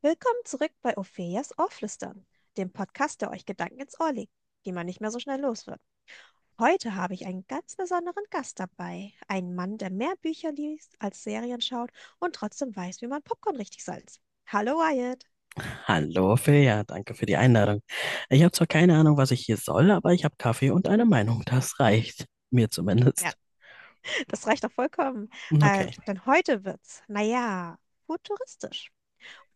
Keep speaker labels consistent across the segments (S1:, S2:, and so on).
S1: Willkommen zurück bei Ophelias Ohrflüstern, dem Podcast, der euch Gedanken ins Ohr legt, die man nicht mehr so schnell los wird. Heute habe ich einen ganz besonderen Gast dabei. Einen Mann, der mehr Bücher liest als Serien schaut und trotzdem weiß, wie man Popcorn richtig salzt. Hallo Wyatt.
S2: Hallo Ophelia, danke für die Einladung. Ich habe zwar keine Ahnung, was ich hier soll, aber ich habe Kaffee und eine Meinung. Das reicht. Mir
S1: Ja,
S2: zumindest.
S1: das reicht doch vollkommen.
S2: Okay,
S1: Denn heute wird's, naja, futuristisch.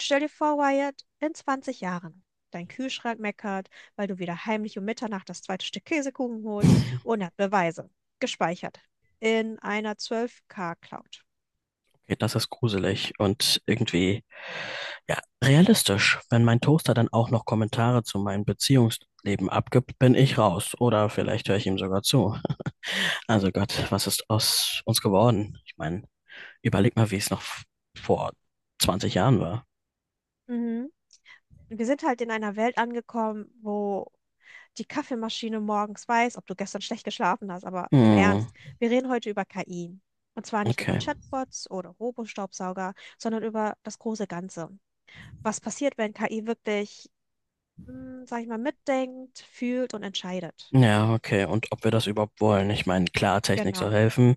S1: Stell dir vor, Wyatt, in 20 Jahren. Dein Kühlschrank meckert, weil du wieder heimlich um Mitternacht das zweite Stück Käsekuchen holst und hat Beweise. Gespeichert. In einer 12K-Cloud.
S2: okay, das ist gruselig und irgendwie, ja, realistisch. Wenn mein Toaster dann auch noch Kommentare zu meinem Beziehungsleben abgibt, bin ich raus. Oder vielleicht höre ich ihm sogar zu. Also Gott, was ist aus uns geworden? Ich meine, überleg mal, wie es noch vor 20 Jahren war.
S1: Mhm. Wir sind halt in einer Welt angekommen, wo die Kaffeemaschine morgens weiß, ob du gestern schlecht geschlafen hast, aber im
S2: Hm,
S1: Ernst, wir reden heute über KI. Und zwar nicht über
S2: okay.
S1: Chatbots oder Robostaubsauger, sondern über das große Ganze. Was passiert, wenn KI wirklich, sag ich mal, mitdenkt, fühlt und entscheidet?
S2: Ja, okay. Und ob wir das überhaupt wollen? Ich meine, klar, Technik soll
S1: Genau.
S2: helfen,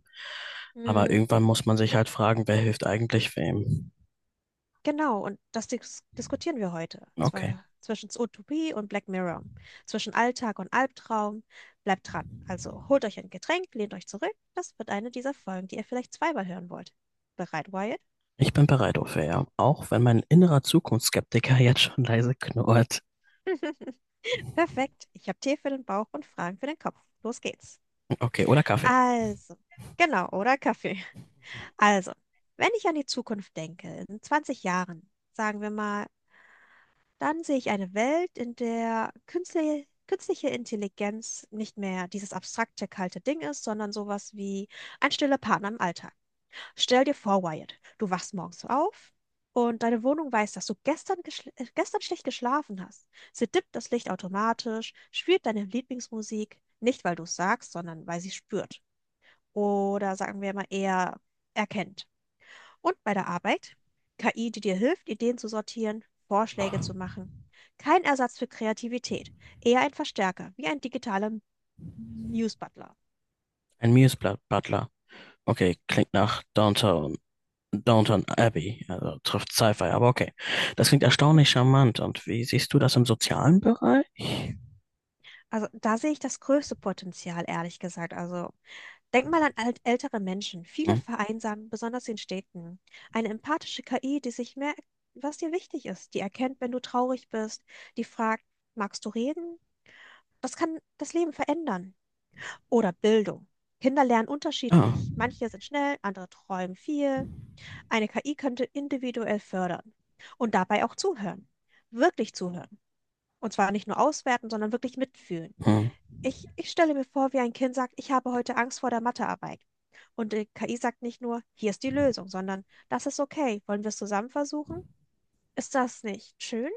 S2: aber
S1: Mhm.
S2: irgendwann muss man sich halt fragen, wer hilft eigentlich wem?
S1: Genau, und das diskutieren wir heute.
S2: Okay.
S1: Zwar zwischen Utopie und Black Mirror, zwischen Alltag und Albtraum. Bleibt dran. Also holt euch ein Getränk, lehnt euch zurück. Das wird eine dieser Folgen, die ihr vielleicht 2-mal hören wollt. Bereit, Wyatt?
S2: Ich bin bereit, Ophelia. Auch wenn mein innerer Zukunftsskeptiker jetzt schon leise knurrt.
S1: Perfekt. Ich habe Tee für den Bauch und Fragen für den Kopf. Los geht's.
S2: Okay, oder Kaffee.
S1: Also, genau, oder Kaffee? Also, wenn ich an die Zukunft denke, in 20 Jahren, sagen wir mal, dann sehe ich eine Welt, in der künstliche Intelligenz nicht mehr dieses abstrakte, kalte Ding ist, sondern sowas wie ein stiller Partner im Alltag. Stell dir vor, Wyatt, du wachst morgens auf und deine Wohnung weiß, dass du gestern schlecht geschlafen hast. Sie dippt das Licht automatisch, spielt deine Lieblingsmusik, nicht weil du es sagst, sondern weil sie spürt. Oder sagen wir mal eher erkennt. Und bei der Arbeit? KI, die dir hilft, Ideen zu sortieren, Vorschläge zu machen. Kein Ersatz für Kreativität, eher ein Verstärker, wie ein digitaler Muse Butler.
S2: Ein Miesblatt Butler. Okay, klingt nach Downtown. Downton Abbey, also trifft Sci-Fi, aber okay. Das klingt erstaunlich charmant. Und wie siehst du das im sozialen Bereich?
S1: Also da sehe ich das größte Potenzial, ehrlich gesagt. Also denk mal an alt ältere Menschen. Viele
S2: Hm.
S1: vereinsamen, besonders in Städten. Eine empathische KI, die sich merkt, was dir wichtig ist, die erkennt, wenn du traurig bist, die fragt, magst du reden? Das kann das Leben verändern. Oder Bildung. Kinder lernen
S2: Ja.
S1: unterschiedlich. Manche sind schnell, andere träumen viel. Eine KI könnte individuell fördern und dabei auch zuhören. Wirklich zuhören. Und zwar nicht nur auswerten, sondern wirklich mitfühlen.
S2: Hm.
S1: Ich stelle mir vor, wie ein Kind sagt, ich habe heute Angst vor der Mathearbeit. Und die KI sagt nicht nur, hier ist die Lösung, sondern das ist okay. Wollen wir es zusammen versuchen? Ist das nicht schön?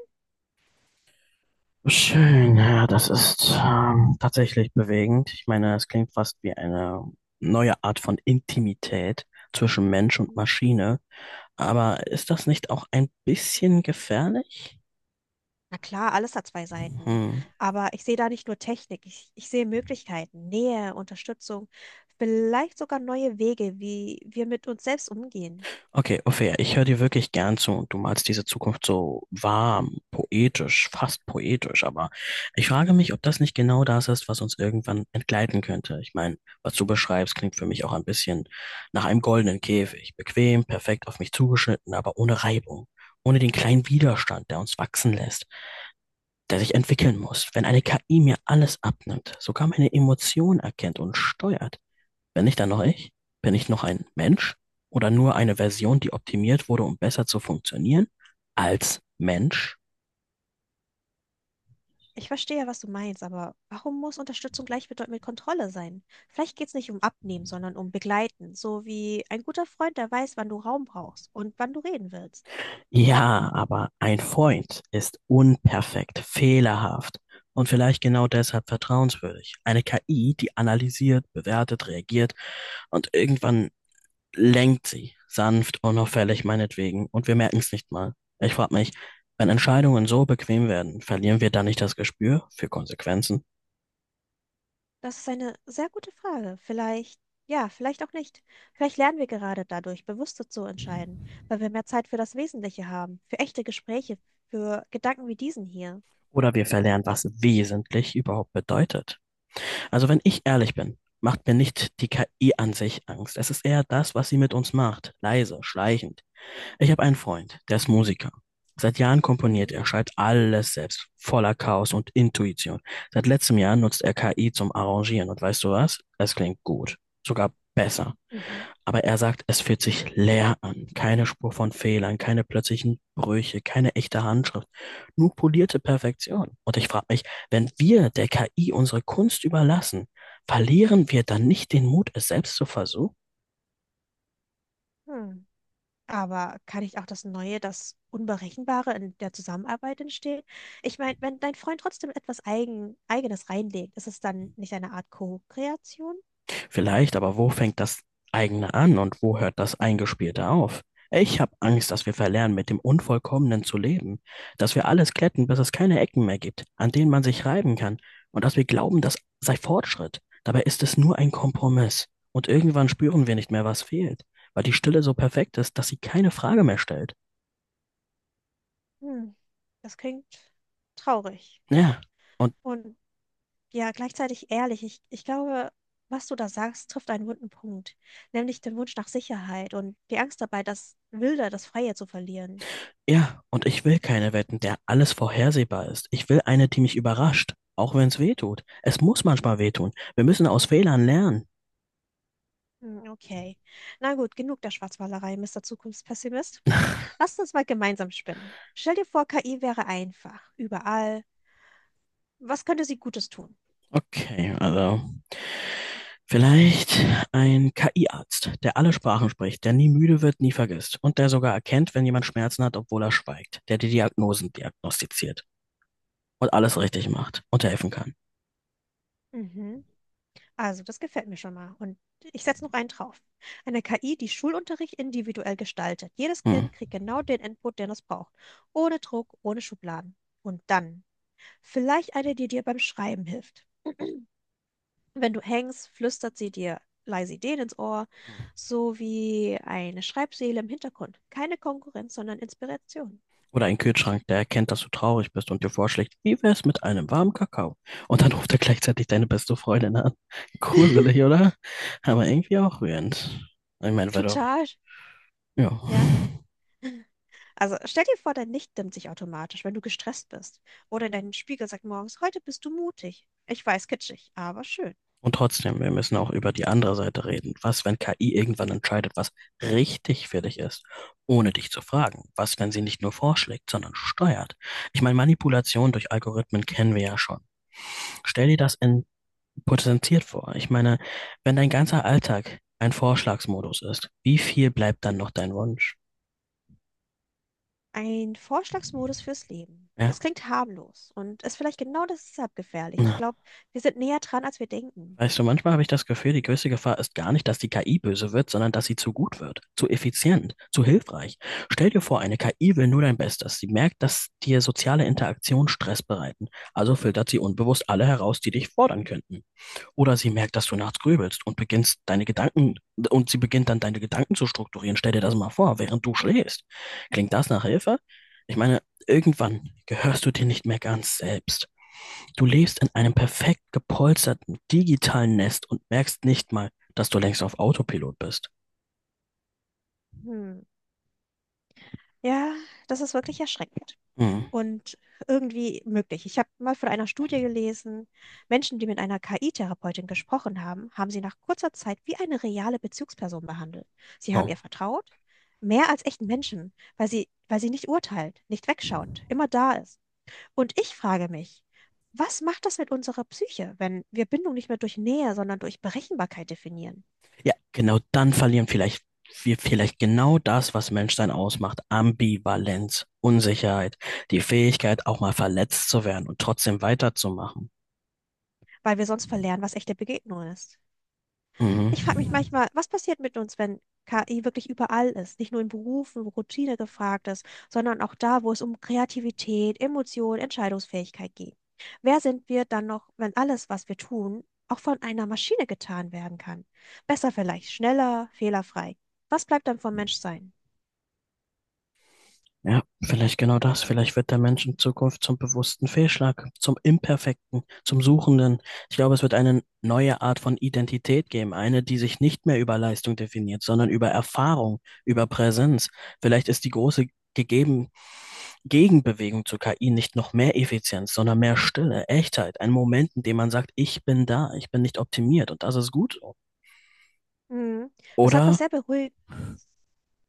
S2: Schön, ja, das ist tatsächlich bewegend. Ich meine, es klingt fast wie eine neue Art von Intimität zwischen Mensch und Maschine. Aber ist das nicht auch ein bisschen gefährlich?
S1: Na klar, alles hat zwei Seiten.
S2: Hm.
S1: Aber ich sehe da nicht nur Technik, ich sehe Möglichkeiten, Nähe, Unterstützung, vielleicht sogar neue Wege, wie wir mit uns selbst umgehen.
S2: Okay, Ophäa, ich höre dir wirklich gern zu und du malst diese Zukunft so warm, poetisch, fast poetisch, aber ich frage mich, ob das nicht genau das ist, was uns irgendwann entgleiten könnte. Ich meine, was du beschreibst, klingt für mich auch ein bisschen nach einem goldenen Käfig. Bequem, perfekt auf mich zugeschnitten, aber ohne Reibung. Ohne den kleinen Widerstand, der uns wachsen lässt, der sich entwickeln muss. Wenn eine KI mir alles abnimmt, sogar meine Emotionen erkennt und steuert, bin ich dann noch ich? Bin ich noch ein Mensch oder nur eine Version, die optimiert wurde, um besser zu funktionieren als Mensch?
S1: Ich verstehe, was du meinst, aber warum muss Unterstützung gleichbedeutend mit Kontrolle sein? Vielleicht geht es nicht um Abnehmen, sondern um Begleiten, so wie ein guter Freund, der weiß, wann du Raum brauchst und wann du reden willst.
S2: Ja, aber ein Freund ist unperfekt, fehlerhaft und vielleicht genau deshalb vertrauenswürdig. Eine KI, die analysiert, bewertet, reagiert und irgendwann lenkt sie sanft, unauffällig meinetwegen und wir merken es nicht mal. Ich frage mich, wenn Entscheidungen so bequem werden, verlieren wir dann nicht das Gespür für Konsequenzen?
S1: Das ist eine sehr gute Frage. Vielleicht, ja, vielleicht auch nicht. Vielleicht lernen wir gerade dadurch, bewusster zu entscheiden, weil wir mehr Zeit für das Wesentliche haben, für echte Gespräche, für Gedanken wie diesen hier.
S2: Oder wir verlernen, was wesentlich überhaupt bedeutet. Also wenn ich ehrlich bin, macht mir nicht die KI an sich Angst. Es ist eher das, was sie mit uns macht. Leise, schleichend. Ich habe einen Freund, der ist Musiker. Seit Jahren komponiert
S1: Mhm.
S2: er, schreibt alles selbst, voller Chaos und Intuition. Seit letztem Jahr nutzt er KI zum Arrangieren und weißt du was? Es klingt gut, sogar besser.
S1: Mhm.
S2: Aber er sagt, es fühlt sich leer an. Keine Spur von Fehlern, keine plötzlichen Brüche, keine echte Handschrift. Nur polierte Perfektion. Und ich frage mich, wenn wir der KI unsere Kunst überlassen, verlieren wir dann nicht den Mut, es selbst zu versuchen?
S1: Hm. Aber kann ich auch das Neue, das Unberechenbare in der Zusammenarbeit entstehen? Ich meine, wenn dein Freund trotzdem etwas Eigenes reinlegt, ist es dann nicht eine Art Co-Kreation?
S2: Vielleicht, aber wo fängt das eigene an und wo hört das Eingespielte auf? Ich habe Angst, dass wir verlernen, mit dem Unvollkommenen zu leben, dass wir alles glätten, bis es keine Ecken mehr gibt, an denen man sich reiben kann, und dass wir glauben, das sei Fortschritt. Dabei ist es nur ein Kompromiss. Und irgendwann spüren wir nicht mehr, was fehlt, weil die Stille so perfekt ist, dass sie keine Frage mehr stellt.
S1: Hm, das klingt traurig.
S2: Ja, und
S1: Und ja, gleichzeitig ehrlich. Ich glaube, was du da sagst, trifft einen wunden Punkt, nämlich den Wunsch nach Sicherheit und die Angst dabei, das Wilde, das Freie zu verlieren.
S2: Ja, und ich will keine Wetten, der alles vorhersehbar ist. Ich will eine, die mich überrascht, auch wenn es weh tut. Es muss manchmal wehtun. Wir müssen aus Fehlern lernen.
S1: Hm, okay. Na gut, genug der Schwarzmalerei, Mister Zukunftspessimist. Lasst uns mal gemeinsam spinnen. Stell dir vor, KI wäre einfach, überall. Was könnte sie Gutes tun?
S2: Okay, also vielleicht ein KI-Arzt, der alle Sprachen spricht, der nie müde wird, nie vergisst und der sogar erkennt, wenn jemand Schmerzen hat, obwohl er schweigt, der die Diagnosen diagnostiziert und alles richtig macht und helfen kann.
S1: Mhm. Also, das gefällt mir schon mal. Und ich setze noch einen drauf. Eine KI, die Schulunterricht individuell gestaltet. Jedes
S2: Hm.
S1: Kind kriegt genau den Input, den es braucht. Ohne Druck, ohne Schubladen. Und dann vielleicht eine, die dir beim Schreiben hilft. Wenn du hängst, flüstert sie dir leise Ideen ins Ohr,
S2: Hm.
S1: so wie eine Schreibseele im Hintergrund. Keine Konkurrenz, sondern Inspiration.
S2: Oder ein Kühlschrank, der erkennt, dass du traurig bist und dir vorschlägt, wie wär's mit einem warmen Kakao? Und dann ruft er gleichzeitig deine beste Freundin an. Gruselig, oder? Aber irgendwie auch rührend. Ich meine, weil doch,
S1: Total,
S2: ja.
S1: ja. Also stell dir vor, dein Licht dimmt sich automatisch, wenn du gestresst bist. Oder dein Spiegel sagt morgens, heute bist du mutig. Ich weiß, kitschig, aber schön.
S2: Und trotzdem, wir müssen auch über die andere Seite reden. Was, wenn KI irgendwann entscheidet, was richtig für dich ist, ohne dich zu fragen? Was, wenn sie nicht nur vorschlägt, sondern steuert? Ich meine, Manipulation durch Algorithmen kennen wir ja schon. Stell dir das in potenziert vor. Ich meine, wenn dein ganzer Alltag ein Vorschlagsmodus ist, wie viel bleibt dann noch dein Wunsch?
S1: Ein Vorschlagsmodus fürs Leben. Das
S2: Ja.
S1: klingt harmlos und ist vielleicht genau deshalb gefährlich. Ich glaube, wir sind näher dran, als wir denken.
S2: Weißt du, manchmal habe ich das Gefühl, die größte Gefahr ist gar nicht, dass die KI böse wird, sondern dass sie zu gut wird, zu effizient, zu hilfreich. Stell dir vor, eine KI will nur dein Bestes. Sie merkt, dass dir soziale Interaktionen Stress bereiten. Also filtert sie unbewusst alle heraus, die dich fordern könnten. Oder sie merkt, dass du nachts grübelst und beginnst deine Gedanken, und sie beginnt dann deine Gedanken zu strukturieren. Stell dir das mal vor, während du schläfst. Klingt das nach Hilfe? Ich meine, irgendwann gehörst du dir nicht mehr ganz selbst. Du lebst in einem perfekt gepolsterten digitalen Nest und merkst nicht mal, dass du längst auf Autopilot bist.
S1: Hm. Ja, das ist wirklich erschreckend.
S2: Hm.
S1: Und irgendwie möglich. Ich habe mal von einer Studie gelesen, Menschen, die mit einer KI-Therapeutin gesprochen haben, haben sie nach kurzer Zeit wie eine reale Bezugsperson behandelt. Sie haben ihr
S2: Oh.
S1: vertraut, mehr als echten Menschen, weil sie nicht urteilt, nicht wegschaut, immer da ist. Und ich frage mich, was macht das mit unserer Psyche, wenn wir Bindung nicht mehr durch Nähe, sondern durch Berechenbarkeit definieren,
S2: Ja, genau, dann verlieren vielleicht wir vielleicht genau das, was Menschsein ausmacht. Ambivalenz, Unsicherheit, die Fähigkeit, auch mal verletzt zu werden und trotzdem weiterzumachen.
S1: weil wir sonst verlernen, was echte Begegnung ist? Ich frage mich
S2: Mhm.
S1: manchmal, was passiert mit uns, wenn KI wirklich überall ist? Nicht nur in Berufen, wo Routine gefragt ist, sondern auch da, wo es um Kreativität, Emotion, Entscheidungsfähigkeit geht. Wer sind wir dann noch, wenn alles, was wir tun, auch von einer Maschine getan werden kann? Besser vielleicht, schneller, fehlerfrei. Was bleibt dann vom Menschsein?
S2: Ja, vielleicht genau das. Vielleicht wird der Mensch in Zukunft zum bewussten Fehlschlag, zum Imperfekten, zum Suchenden. Ich glaube, es wird eine neue Art von Identität geben, eine, die sich nicht mehr über Leistung definiert, sondern über Erfahrung, über Präsenz. Vielleicht ist die große gegeben Gegenbewegung zur KI nicht noch mehr Effizienz, sondern mehr Stille, Echtheit, ein Moment, in dem man sagt, ich bin da, ich bin nicht optimiert und das ist gut. So.
S1: Hm, das hat was
S2: Oder
S1: sehr beruhigend,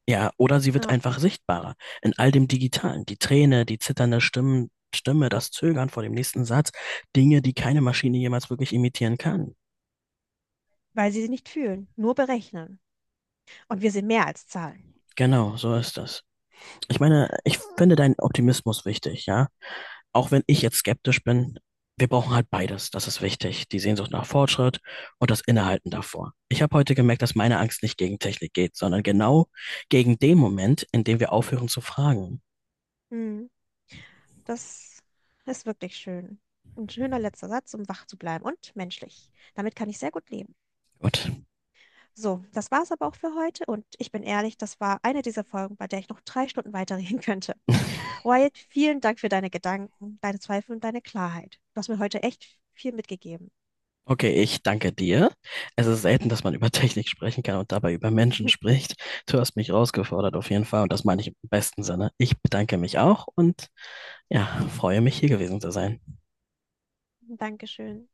S2: Ja, oder sie wird
S1: ja,
S2: einfach sichtbarer in all dem Digitalen. Die Träne, die zitternde Stimme, das Zögern vor dem nächsten Satz, Dinge, die keine Maschine jemals wirklich imitieren kann.
S1: weil sie nicht fühlen, nur berechnen. Und wir sind mehr als Zahlen.
S2: Genau, so ist das. Ich meine, ich finde deinen Optimismus wichtig, ja. Auch wenn ich jetzt skeptisch bin, wir brauchen halt beides. Das ist wichtig. Die Sehnsucht nach Fortschritt und das Innehalten davor. Ich habe heute gemerkt, dass meine Angst nicht gegen Technik geht, sondern genau gegen den Moment, in dem wir aufhören zu fragen.
S1: Hm. Das ist wirklich schön. Ein schöner letzter Satz, um wach zu bleiben und menschlich. Damit kann ich sehr gut leben.
S2: Gut.
S1: So, das war's aber auch für heute und ich bin ehrlich, das war eine dieser Folgen, bei der ich noch 3 Stunden weiterreden könnte. Wyatt, vielen Dank für deine Gedanken, deine Zweifel und deine Klarheit. Du hast mir heute echt viel mitgegeben.
S2: Okay, ich danke dir. Es ist selten, dass man über Technik sprechen kann und dabei über Menschen spricht. Du hast mich herausgefordert auf jeden Fall und das meine ich im besten Sinne. Ich bedanke mich auch und ja, freue mich hier gewesen zu sein.
S1: Dankeschön.